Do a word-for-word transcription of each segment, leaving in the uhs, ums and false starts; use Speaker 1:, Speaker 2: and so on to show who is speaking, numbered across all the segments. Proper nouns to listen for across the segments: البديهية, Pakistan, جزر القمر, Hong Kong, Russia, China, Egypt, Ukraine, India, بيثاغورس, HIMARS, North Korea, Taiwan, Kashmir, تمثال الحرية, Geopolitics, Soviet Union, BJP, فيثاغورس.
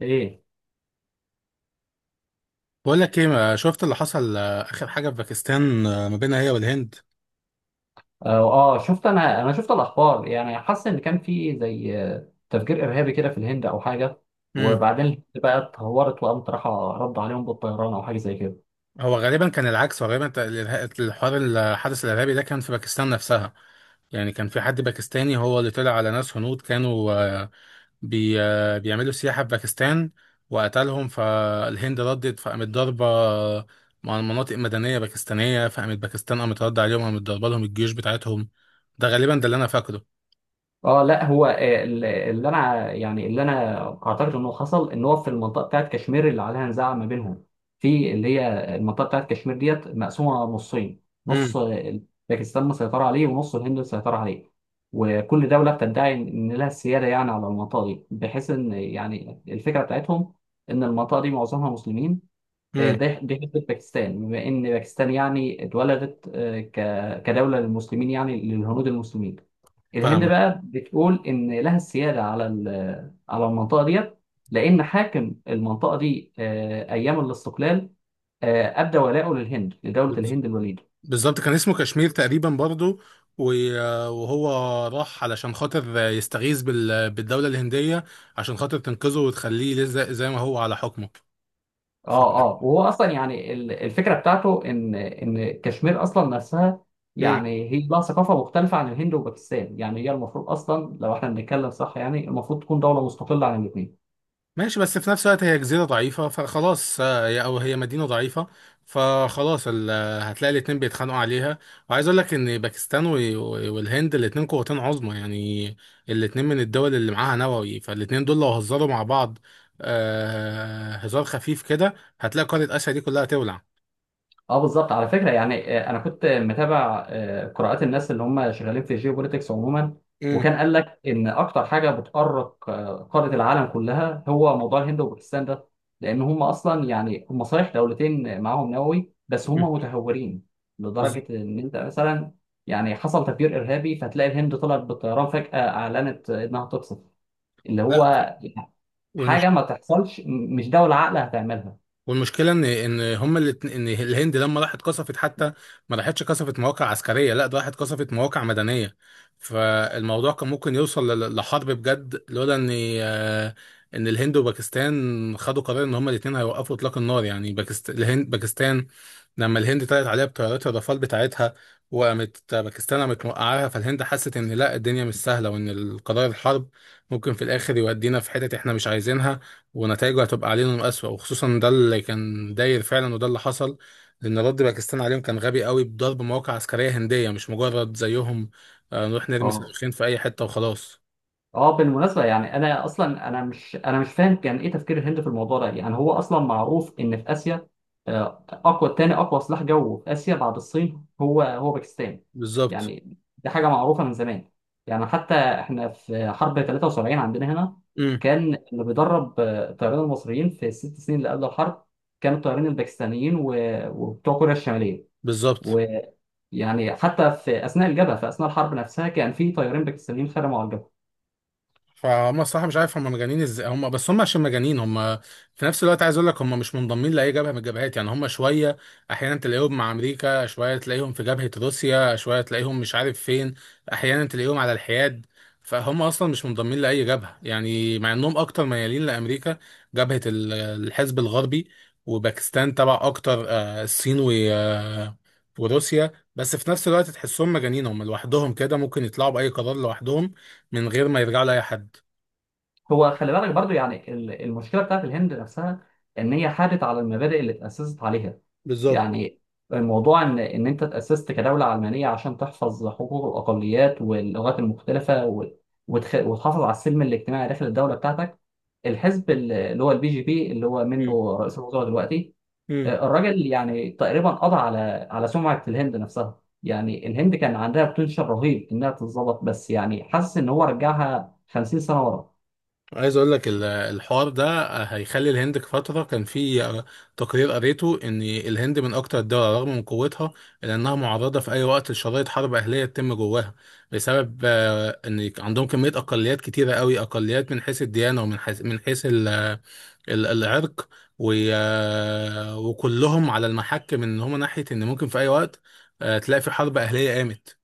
Speaker 1: ايه.
Speaker 2: بقول لك ايه، ما شفت اللي حصل؟ آه، اخر حاجه في باكستان آه، ما بينها هي والهند.
Speaker 1: اه. آه، شفت انا انا شفت الاخبار، يعني حاسس ان كان في زي آه، تفجير ارهابي كده في الهند او حاجه.
Speaker 2: امم.
Speaker 1: وبعدين الهند بقى اتهورت وقامت رايحه رد عليهم بالطيران او حاجه زي كده.
Speaker 2: هو غالبا كان العكس. هو غالبا ت- الإرها- الحوار الحدث الارهابي ده كان في باكستان نفسها. يعني كان في حد باكستاني هو اللي طلع على ناس هنود كانوا آه، بي آه، بيعملوا سياحه في باكستان وقتلهم، فالهند ردت فقامت ضاربه آه، مع مناطق مدنيه باكستانيه، فقامت باكستان قامت رد عليهم، قامت ضاربه لهم الجيوش بتاعتهم. ده غالبا ده اللي انا فاكره.
Speaker 1: اه، لا، هو آه، ال- اللي انا يعني اللي انا اعتقد انه حصل ان هو في المنطقه بتاعت كشمير اللي عليها نزاع ما بينهم. في اللي هي المنطقه بتاعت كشمير ديت مقسومه نصين. نص
Speaker 2: امم.
Speaker 1: آه، باكستان مسيطره عليه ونص الهند مسيطره عليه. وكل دوله بتدعي ان إن لها السياده، يعني على المنطقه دي، بحيث ان يعني الفكره بتاعتهم ان المنطقه دي معظمها مسلمين. آه،
Speaker 2: امم.
Speaker 1: ده دي حته باكستان، بما ان باكستان يعني اتولدت آه، ك- كدوله للمسلمين، يعني للهنود المسلمين. الهند
Speaker 2: فاهمك.
Speaker 1: بقى بتقول ان لها السياده على ال- على المنطقه ديت، لان حاكم المنطقه دي آه، ايام الاستقلال آه، ابدى ولاءه للهند، لدوله الهند الوليده.
Speaker 2: بالظبط كان اسمه كشمير تقريبا برضه، و- وهو راح علشان خاطر يستغيث بال- بالدولة الهندية عشان خاطر تنقذه وتخليه لز- زي ما هو على حكمه.
Speaker 1: اه. اه، وهو اصلا يعني ال- الفكره بتاعته ان ان كشمير اصلا نفسها
Speaker 2: ف...
Speaker 1: يعني هي لها ثقافه مختلفه عن الهند وباكستان، يعني هي المفروض اصلا لو احنا بنتكلم صح يعني المفروض تكون دوله مستقله عن الاثنين.
Speaker 2: ماشي، بس في نفس الوقت هي جزيرة ضعيفة، فخلاص آه، هي أو هي مدينة ضعيفة، فخلاص ال- آه، هتلاقي الاتنين بيتخانقوا عليها. وعايز أقول لك إن باكستان و- والهند الاتنين قوتين عظمى يعني. الاتنين من الدول اللي معاها نووي، فالاتنين دول لو هزروا مع بعض آه، هزار خفيف كده هتلاقي قارة آسيا دي كلها تولع.
Speaker 1: اه، بالظبط. على فكره يعني آه، انا كنت متابع آه، قراءات الناس اللي هم شغالين في الجيوبوليتكس عموما،
Speaker 2: امم.
Speaker 1: وكان قال لك ان اكتر حاجه بتقرق آه، قاره العالم كلها هو موضوع الهند وباكستان ده. لان هم اصلا يعني هم صحيح دولتين معاهم نووي بس هم متهورين
Speaker 2: بز...
Speaker 1: لدرجه ان انت مثلا يعني حصل تفجير ارهابي فتلاقي الهند طلعت بالطيران فجاه اعلنت انها تقصف اللي
Speaker 2: لا.
Speaker 1: هو حاجه
Speaker 2: والمشكلة
Speaker 1: ما تحصلش، م- مش دوله عاقله هتعملها.
Speaker 2: والمشكله ان ان هم اللي ان الهند لما راحت قصفت حتى ما راحتش قصفت مواقع عسكريه، لا ده راحت قصفت مواقع مدنيه. فالموضوع كان ممكن يوصل ل- لحرب بجد لولا ان آه، ان الهند وباكستان خدوا قرار ان هم الاثنين هيوقفوا اطلاق النار، يعني باكستان الهند باكستان لما الهند طلعت عليها بطيارات الرافال بتاعتها وقامت باكستان قامت موقعاها، فالهند حست ان لا، الدنيا مش سهله، وان القرار الحرب ممكن في الاخر يودينا في حتت احنا مش عايزينها ونتائجه هتبقى علينا اسوأ، وخصوصا ده اللي كان داير فعلا وده اللي حصل، لان رد باكستان عليهم كان غبي قوي بضرب مواقع عسكريه هنديه، مش مجرد زيهم آه، نروح نرمي
Speaker 1: اه.
Speaker 2: صاروخين في اي حته وخلاص.
Speaker 1: اه، بالمناسبة يعني انا اصلا انا مش انا مش فاهم كان ايه تفكير الهند في الموضوع ده. يعني هو اصلا معروف ان في اسيا آه، اقوى تاني اقوى سلاح جو في اسيا بعد الصين هو هو باكستان.
Speaker 2: بالظبط.
Speaker 1: يعني دي حاجة معروفة من زمان. يعني حتى احنا في حرب تلاته وسبعين عندنا هنا
Speaker 2: امم.
Speaker 1: كان اللي بيدرب آه، الطيارين المصريين في الست سنين اللي قبل الحرب كانوا الطيارين الباكستانيين و- وبتوع كوريا الشمالية،
Speaker 2: بالظبط.
Speaker 1: ويعني حتى في اثناء الجبهة، في اثناء الحرب نفسها، كان في طيارين باكستانيين خدموا على الجبهة.
Speaker 2: فهم الصراحه مش عارف هم مجانين ازاي، هم بس هم عشان مجانين هم في نفس الوقت. عايز اقول لك هم مش منضمين لاي جبهه من الجبهات، يعني هم شويه احيانا تلاقيهم مع امريكا، شويه تلاقيهم في جبهه روسيا، شويه تلاقيهم مش عارف فين، احيانا تلاقيهم على الحياد. فهم اصلا مش منضمين لاي جبهه، يعني مع انهم اكتر ميالين لامريكا، جبهه ال- الحزب الغربي، وباكستان تبع اكتر آه، الصين و- وروسيا، بس في نفس الوقت تحسهم مجانين هم لوحدهم كده، ممكن يطلعوا باي قرار لوحدهم من غير ما يرجعوا لاي حد.
Speaker 1: هو خلي بالك برضو، يعني ال- المشكله بتاعت الهند نفسها ان هي حادت على المبادئ اللي اتاسست عليها.
Speaker 2: بالظبط.
Speaker 1: يعني الموضوع ان ان انت اتاسست كدوله علمانيه عشان تحفظ حقوق الاقليات واللغات المختلفه و- وتخ- وتحافظ على السلم الاجتماعي داخل الدوله بتاعتك. الحزب ال- اللي هو البي جي بي اللي هو
Speaker 2: مم.
Speaker 1: منه رئيس الوزراء دلوقتي،
Speaker 2: مم.
Speaker 1: آه، الراجل يعني تقريبا قضى على على سمعه الهند نفسها. يعني الهند كان عندها بوتنشال رهيب انها تتظبط، بس يعني حاسس ان هو رجعها خمسين سنه ورا.
Speaker 2: عايز اقول لك ال- الحوار ده هيخلي الهند في فتره. كان في آه، تقرير قريته ان الهند من اكتر الدول رغم من قوتها الا انها معرضه في اي وقت لشرائط حرب اهليه تتم جواها بسبب آه، ان عندهم كميه اقليات كتيره قوي، اقليات من حيث الديانه، ومن حيث من حيث ال- ال- العرق، و- آه، وكلهم على المحك من ان هم ناحيه ان ممكن في اي وقت آه، تلاقي في حرب اهليه قامت.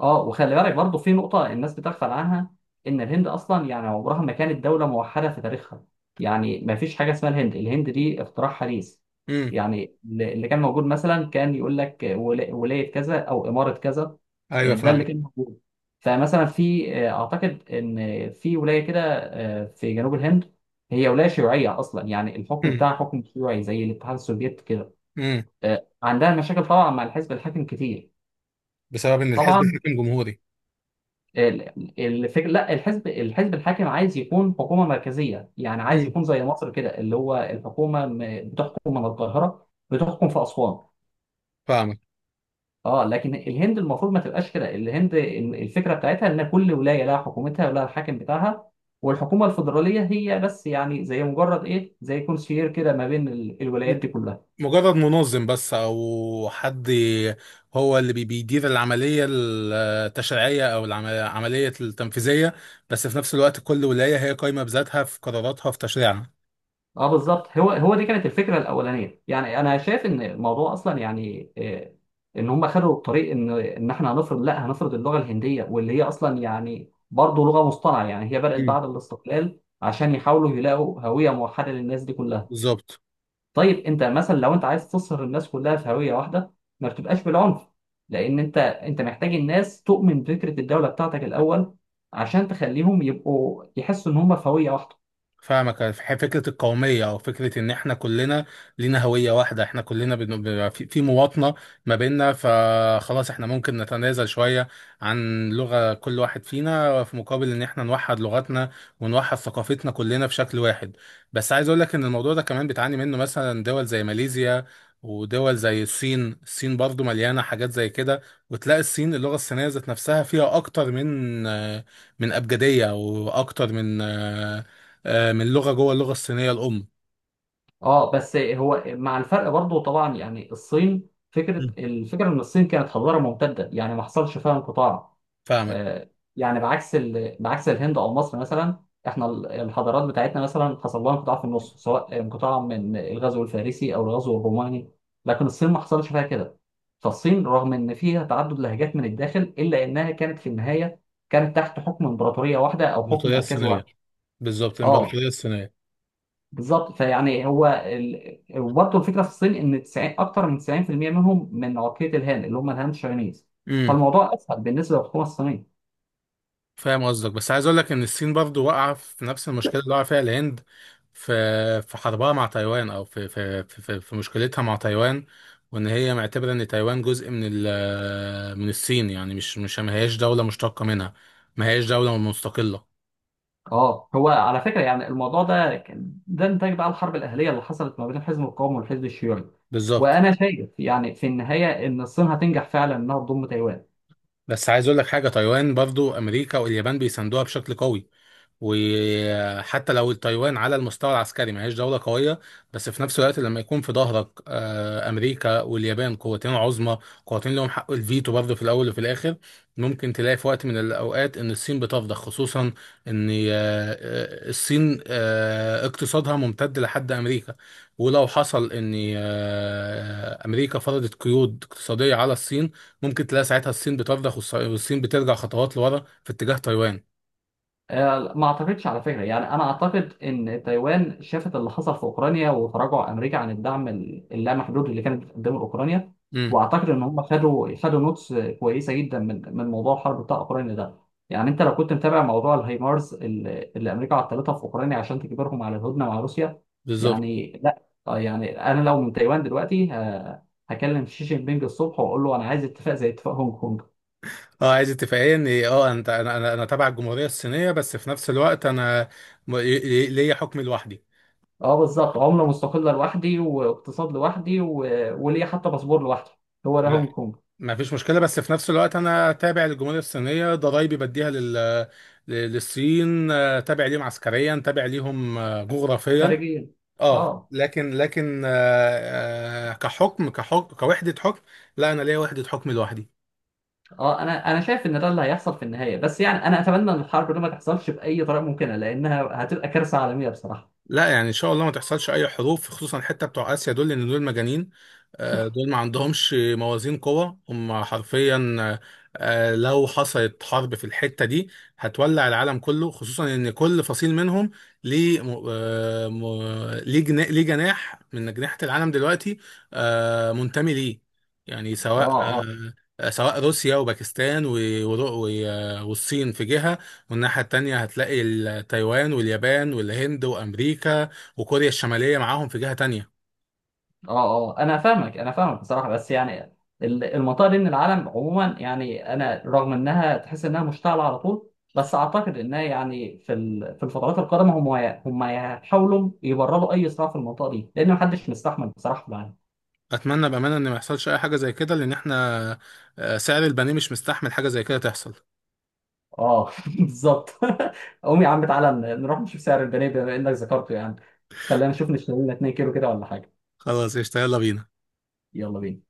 Speaker 1: اه، وخلي بالك برضه في نقطة الناس بتغفل عنها إن الهند أصلا يعني عمرها ما كانت دولة موحدة في تاريخها. يعني ما فيش حاجة اسمها الهند. الهند دي اختراع حديث.
Speaker 2: مم.
Speaker 1: يعني اللي كان موجود مثلا كان يقول لك ولا- ولاية كذا أو إمارة كذا.
Speaker 2: ايوه
Speaker 1: آه، ده اللي
Speaker 2: فاهمك.
Speaker 1: كان موجود. فمثلا في آه، أعتقد إن في ولاية كده آه، في جنوب الهند هي ولاية شيوعية أصلا، يعني الحكم
Speaker 2: مم.
Speaker 1: بتاعها حكم شيوعي زي الاتحاد السوفيتي كده.
Speaker 2: مم.
Speaker 1: آه، عندها مشاكل طبعا مع الحزب الحاكم كتير.
Speaker 2: بسبب ان الحزب
Speaker 1: طبعا،
Speaker 2: الحاكم جمهوري.
Speaker 1: ال- الفكر، لا، الحزب الحزب الحاكم عايز يكون حكومه مركزيه، يعني عايز
Speaker 2: مم.
Speaker 1: يكون زي مصر كده اللي هو الحكومه م- بتحكم من القاهره بتحكم في اسوان.
Speaker 2: فاهمك.
Speaker 1: اه، لكن الهند المفروض ما تبقاش كده. الهند ال- الفكره بتاعتها ان كل ولايه لها حكومتها ولها الحاكم بتاعها، والحكومه الفدراليه هي بس يعني زي مجرد ايه، زي كونسير كده ما بين ال- الولايات دي كلها.
Speaker 2: مجرد منظم بس او حد هو اللي بي- بيدير العمليه التشريعيه او العم- العمليه التنفيذيه، بس في نفس الوقت كل ولايه هي قايمه بذاتها في قراراتها في تشريعها.
Speaker 1: اه، بالظبط. هو هو دي كانت الفكره الاولانيه. يعني انا شايف ان الموضوع اصلا يعني آه، ان هم خدوا الطريق ان ان احنا هنفرض، لا، هنفرض اللغه الهنديه، واللي هي اصلا يعني برضه لغه مصطنعه، يعني هي بدات
Speaker 2: مم.
Speaker 1: بعد الاستقلال عشان يحاولوا يلاقوا هويه موحده للناس دي كلها.
Speaker 2: بالظبط.
Speaker 1: طيب، انت مثلا لو انت عايز تصهر الناس كلها في هويه واحده ما بتبقاش بالعنف، لان انت انت محتاج الناس تؤمن بفكره الدوله بتاعتك الاول عشان تخليهم يبقوا يحسوا ان هم في هويه واحده.
Speaker 2: فاهمك. ح- فكرة القومية أو فكرة إن إحنا كلنا لينا هوية واحدة، إحنا كلنا بن... ب- في في مواطنة ما بيننا، فخلاص إحنا ممكن نتنازل شوية عن لغة كل واحد فينا في مقابل إن إحنا نوحد لغتنا ونوحد ثقافتنا كلنا في شكل واحد. بس عايز أقول لك إن الموضوع ده كمان بتعاني منه مثلا دول زي ماليزيا ودول زي الصين. الصين برضو مليانة حاجات زي كده، وتلاقي الصين اللغة الصينية ذات نفسها فيها أكتر من من أبجدية وأكتر من آه، من لغه جوه اللغه الصينيه الام.
Speaker 1: اه، بس هو مع الفرق برضه طبعا. يعني الصين، فكره
Speaker 2: مم.
Speaker 1: الفكره ان الصين كانت حضاره ممتده، يعني ما حصلش فيها انقطاع.
Speaker 2: فاهمك.
Speaker 1: آه. يعني بعكس ال... بعكس الهند او مصر مثلا. احنا ال- الحضارات بتاعتنا مثلا حصل لها انقطاع في النص، سواء انقطاع من الغزو الفارسي او الغزو الروماني. لكن الصين ما حصلش فيها كده. فالصين رغم ان فيها تعدد لهجات من الداخل الا انها كانت في النهايه كانت تحت حكم امبراطوريه واحده او حكم
Speaker 2: الامبراطوريه
Speaker 1: مركزي واحد.
Speaker 2: الصينيه. بالظبط
Speaker 1: اه،
Speaker 2: الامبراطوريه الصينيه.
Speaker 1: بالظبط. فيعني هو ال... وبرضه الفكره في الصين ان تسعين، اكتر من تسعين في المية منهم من عقليه الهان، اللي هم الهان شاينيز،
Speaker 2: امم.
Speaker 1: فالموضوع اسهل بالنسبه للحكومه الصينيه.
Speaker 2: فاهم قصدك، بس عايز اقول لك ان الصين برضو واقعه في نفس المشكله اللي واقعه فيها الهند في في حربها مع تايوان، او في في في, في, في مشكلتها مع تايوان، وان هي معتبره ان تايوان جزء من ال من الصين يعني مش مش ما هياش دوله مشتقه منها، ما هياش دوله مستقله.
Speaker 1: اه. هو على فكره يعني الموضوع ده كان ده نتاج بقى الحرب الاهليه اللي حصلت ما بين الحزب القومي والحزب الشيوعي.
Speaker 2: بالظبط.
Speaker 1: وانا شايف يعني في النهايه ان الصين هتنجح فعلا انها تضم تايوان.
Speaker 2: بس عايز اقول لك حاجه، تايوان برضو امريكا واليابان بيساندوها بشكل قوي، وحتى لو التايوان على المستوى العسكري ما هيش دولة قوية، بس في نفس الوقت لما يكون في ظهرك آه، أمريكا واليابان قوتين عظمى، قوتين لهم حق الفيتو برضه في الأول وفي الآخر، ممكن تلاقي في وقت من الأوقات إن الصين بتفضح، خصوصا إن آه، آه، الصين آه، اقتصادها ممتد لحد أمريكا، ولو حصل إن آه، أمريكا فرضت قيود اقتصادية على الصين، ممكن تلاقي ساعتها الصين بتفضح والص- والصين بترجع خطوات لورا في اتجاه تايوان.
Speaker 1: آه، ما اعتقدش على فكره. يعني انا اعتقد ان تايوان شافت اللي حصل في اوكرانيا وتراجع امريكا عن الدعم ال- اللامحدود اللي كانت بتقدمه لاوكرانيا،
Speaker 2: امم.
Speaker 1: واعتقد ان هم خدوا خدوا نوتس كويسه جدا من من موضوع الحرب بتاع اوكرانيا ده. يعني انت لو كنت متابع موضوع الهايمارز اللي, اللي امريكا عطلتها في اوكرانيا عشان تجبرهم على الهدنه مع روسيا،
Speaker 2: بالظبط.
Speaker 1: يعني لا، آه، يعني انا لو من تايوان دلوقتي ه- هكلم شي جين بينج الصبح واقول له انا عايز اتفاق زي اتفاق هونج كونج.
Speaker 2: اه، عايز اتفاقيه ان إيه، اه انت انا انا انا تبع الجمهوريه الصينيه، بس في نفس الوقت انا م- لي- ليا حكم لوحدي.
Speaker 1: اه، بالظبط، عملة مستقلة لوحدي واقتصاد لوحدي و... وليا حتى باسبور لوحدي. هو ده
Speaker 2: لا،
Speaker 1: هونج كونج.
Speaker 2: ما فيش مشكله، بس في نفس الوقت انا تابع للجمهوريه الصينيه، ضرايبي بديها لل ل- للصين، آه، تابع ليهم عسكريا، تابع ليهم آه، جغرافيا.
Speaker 1: خارجيا.
Speaker 2: اه
Speaker 1: اه.
Speaker 2: لكن لكن آه، آه، كحكم كحكم كوحده حكم. لا، انا ليا وحده حكم لوحدي.
Speaker 1: اه، انا انا شايف ان ده اللي هيحصل في النهاية، بس يعني انا اتمنى ان الحرب دي ما تحصلش بأي طريقة ممكنة لانها هتبقى كارثة عالمية بصراحة.
Speaker 2: لا يعني ان شاء الله ما تحصلش اي حروف، خصوصا الحته بتوع اسيا دول لان دول مجانين، آه، دول ما عندهمش موازين قوه، هم حرفيا آه، لو حصلت حرب في الحته دي هتولع العالم كله، خصوصا ان كل فصيل منهم ليه م- آه، م- ليه جنا- ليه جناح من اجنحه العالم دلوقتي آه، منتمي ليه، يعني سواء
Speaker 1: اه.
Speaker 2: آه، سواء روسيا وباكستان و- ور- و- آه، والصين في جهه، والناحية التانية هتلاقي ال- تايوان واليابان والهند وأمريكا وكوريا الشمالية معاهم في جهة تانية.
Speaker 1: اه. اه، انا فاهمك، انا فاهمك بصراحه، بس يعني ال- المنطقه دي من العالم عموما، يعني انا رغم انها تحس انها مشتعله على طول، بس اعتقد انها يعني في ال- في الفترات القادمه هم ي- هم يحاولوا يبرروا اي صراع في المنطقه دي لان محدش مستحمل بصراحه معانا.
Speaker 2: أتمنى بأمانة إن ما يحصلش أي حاجة زي كده، لأن إحنا آه، سعر البني مش مستحمل حاجة زي كده تحصل.
Speaker 1: اه، بالظبط. قوم يا عم تعالى ن- نروح نشوف سعر البنيه بما انك ذكرته يعني. خلينا نشوف نشتري لنا اتنين كيلو كده ولا حاجه.
Speaker 2: خلاص قشطة، يلا بينا.
Speaker 1: يلا بينا.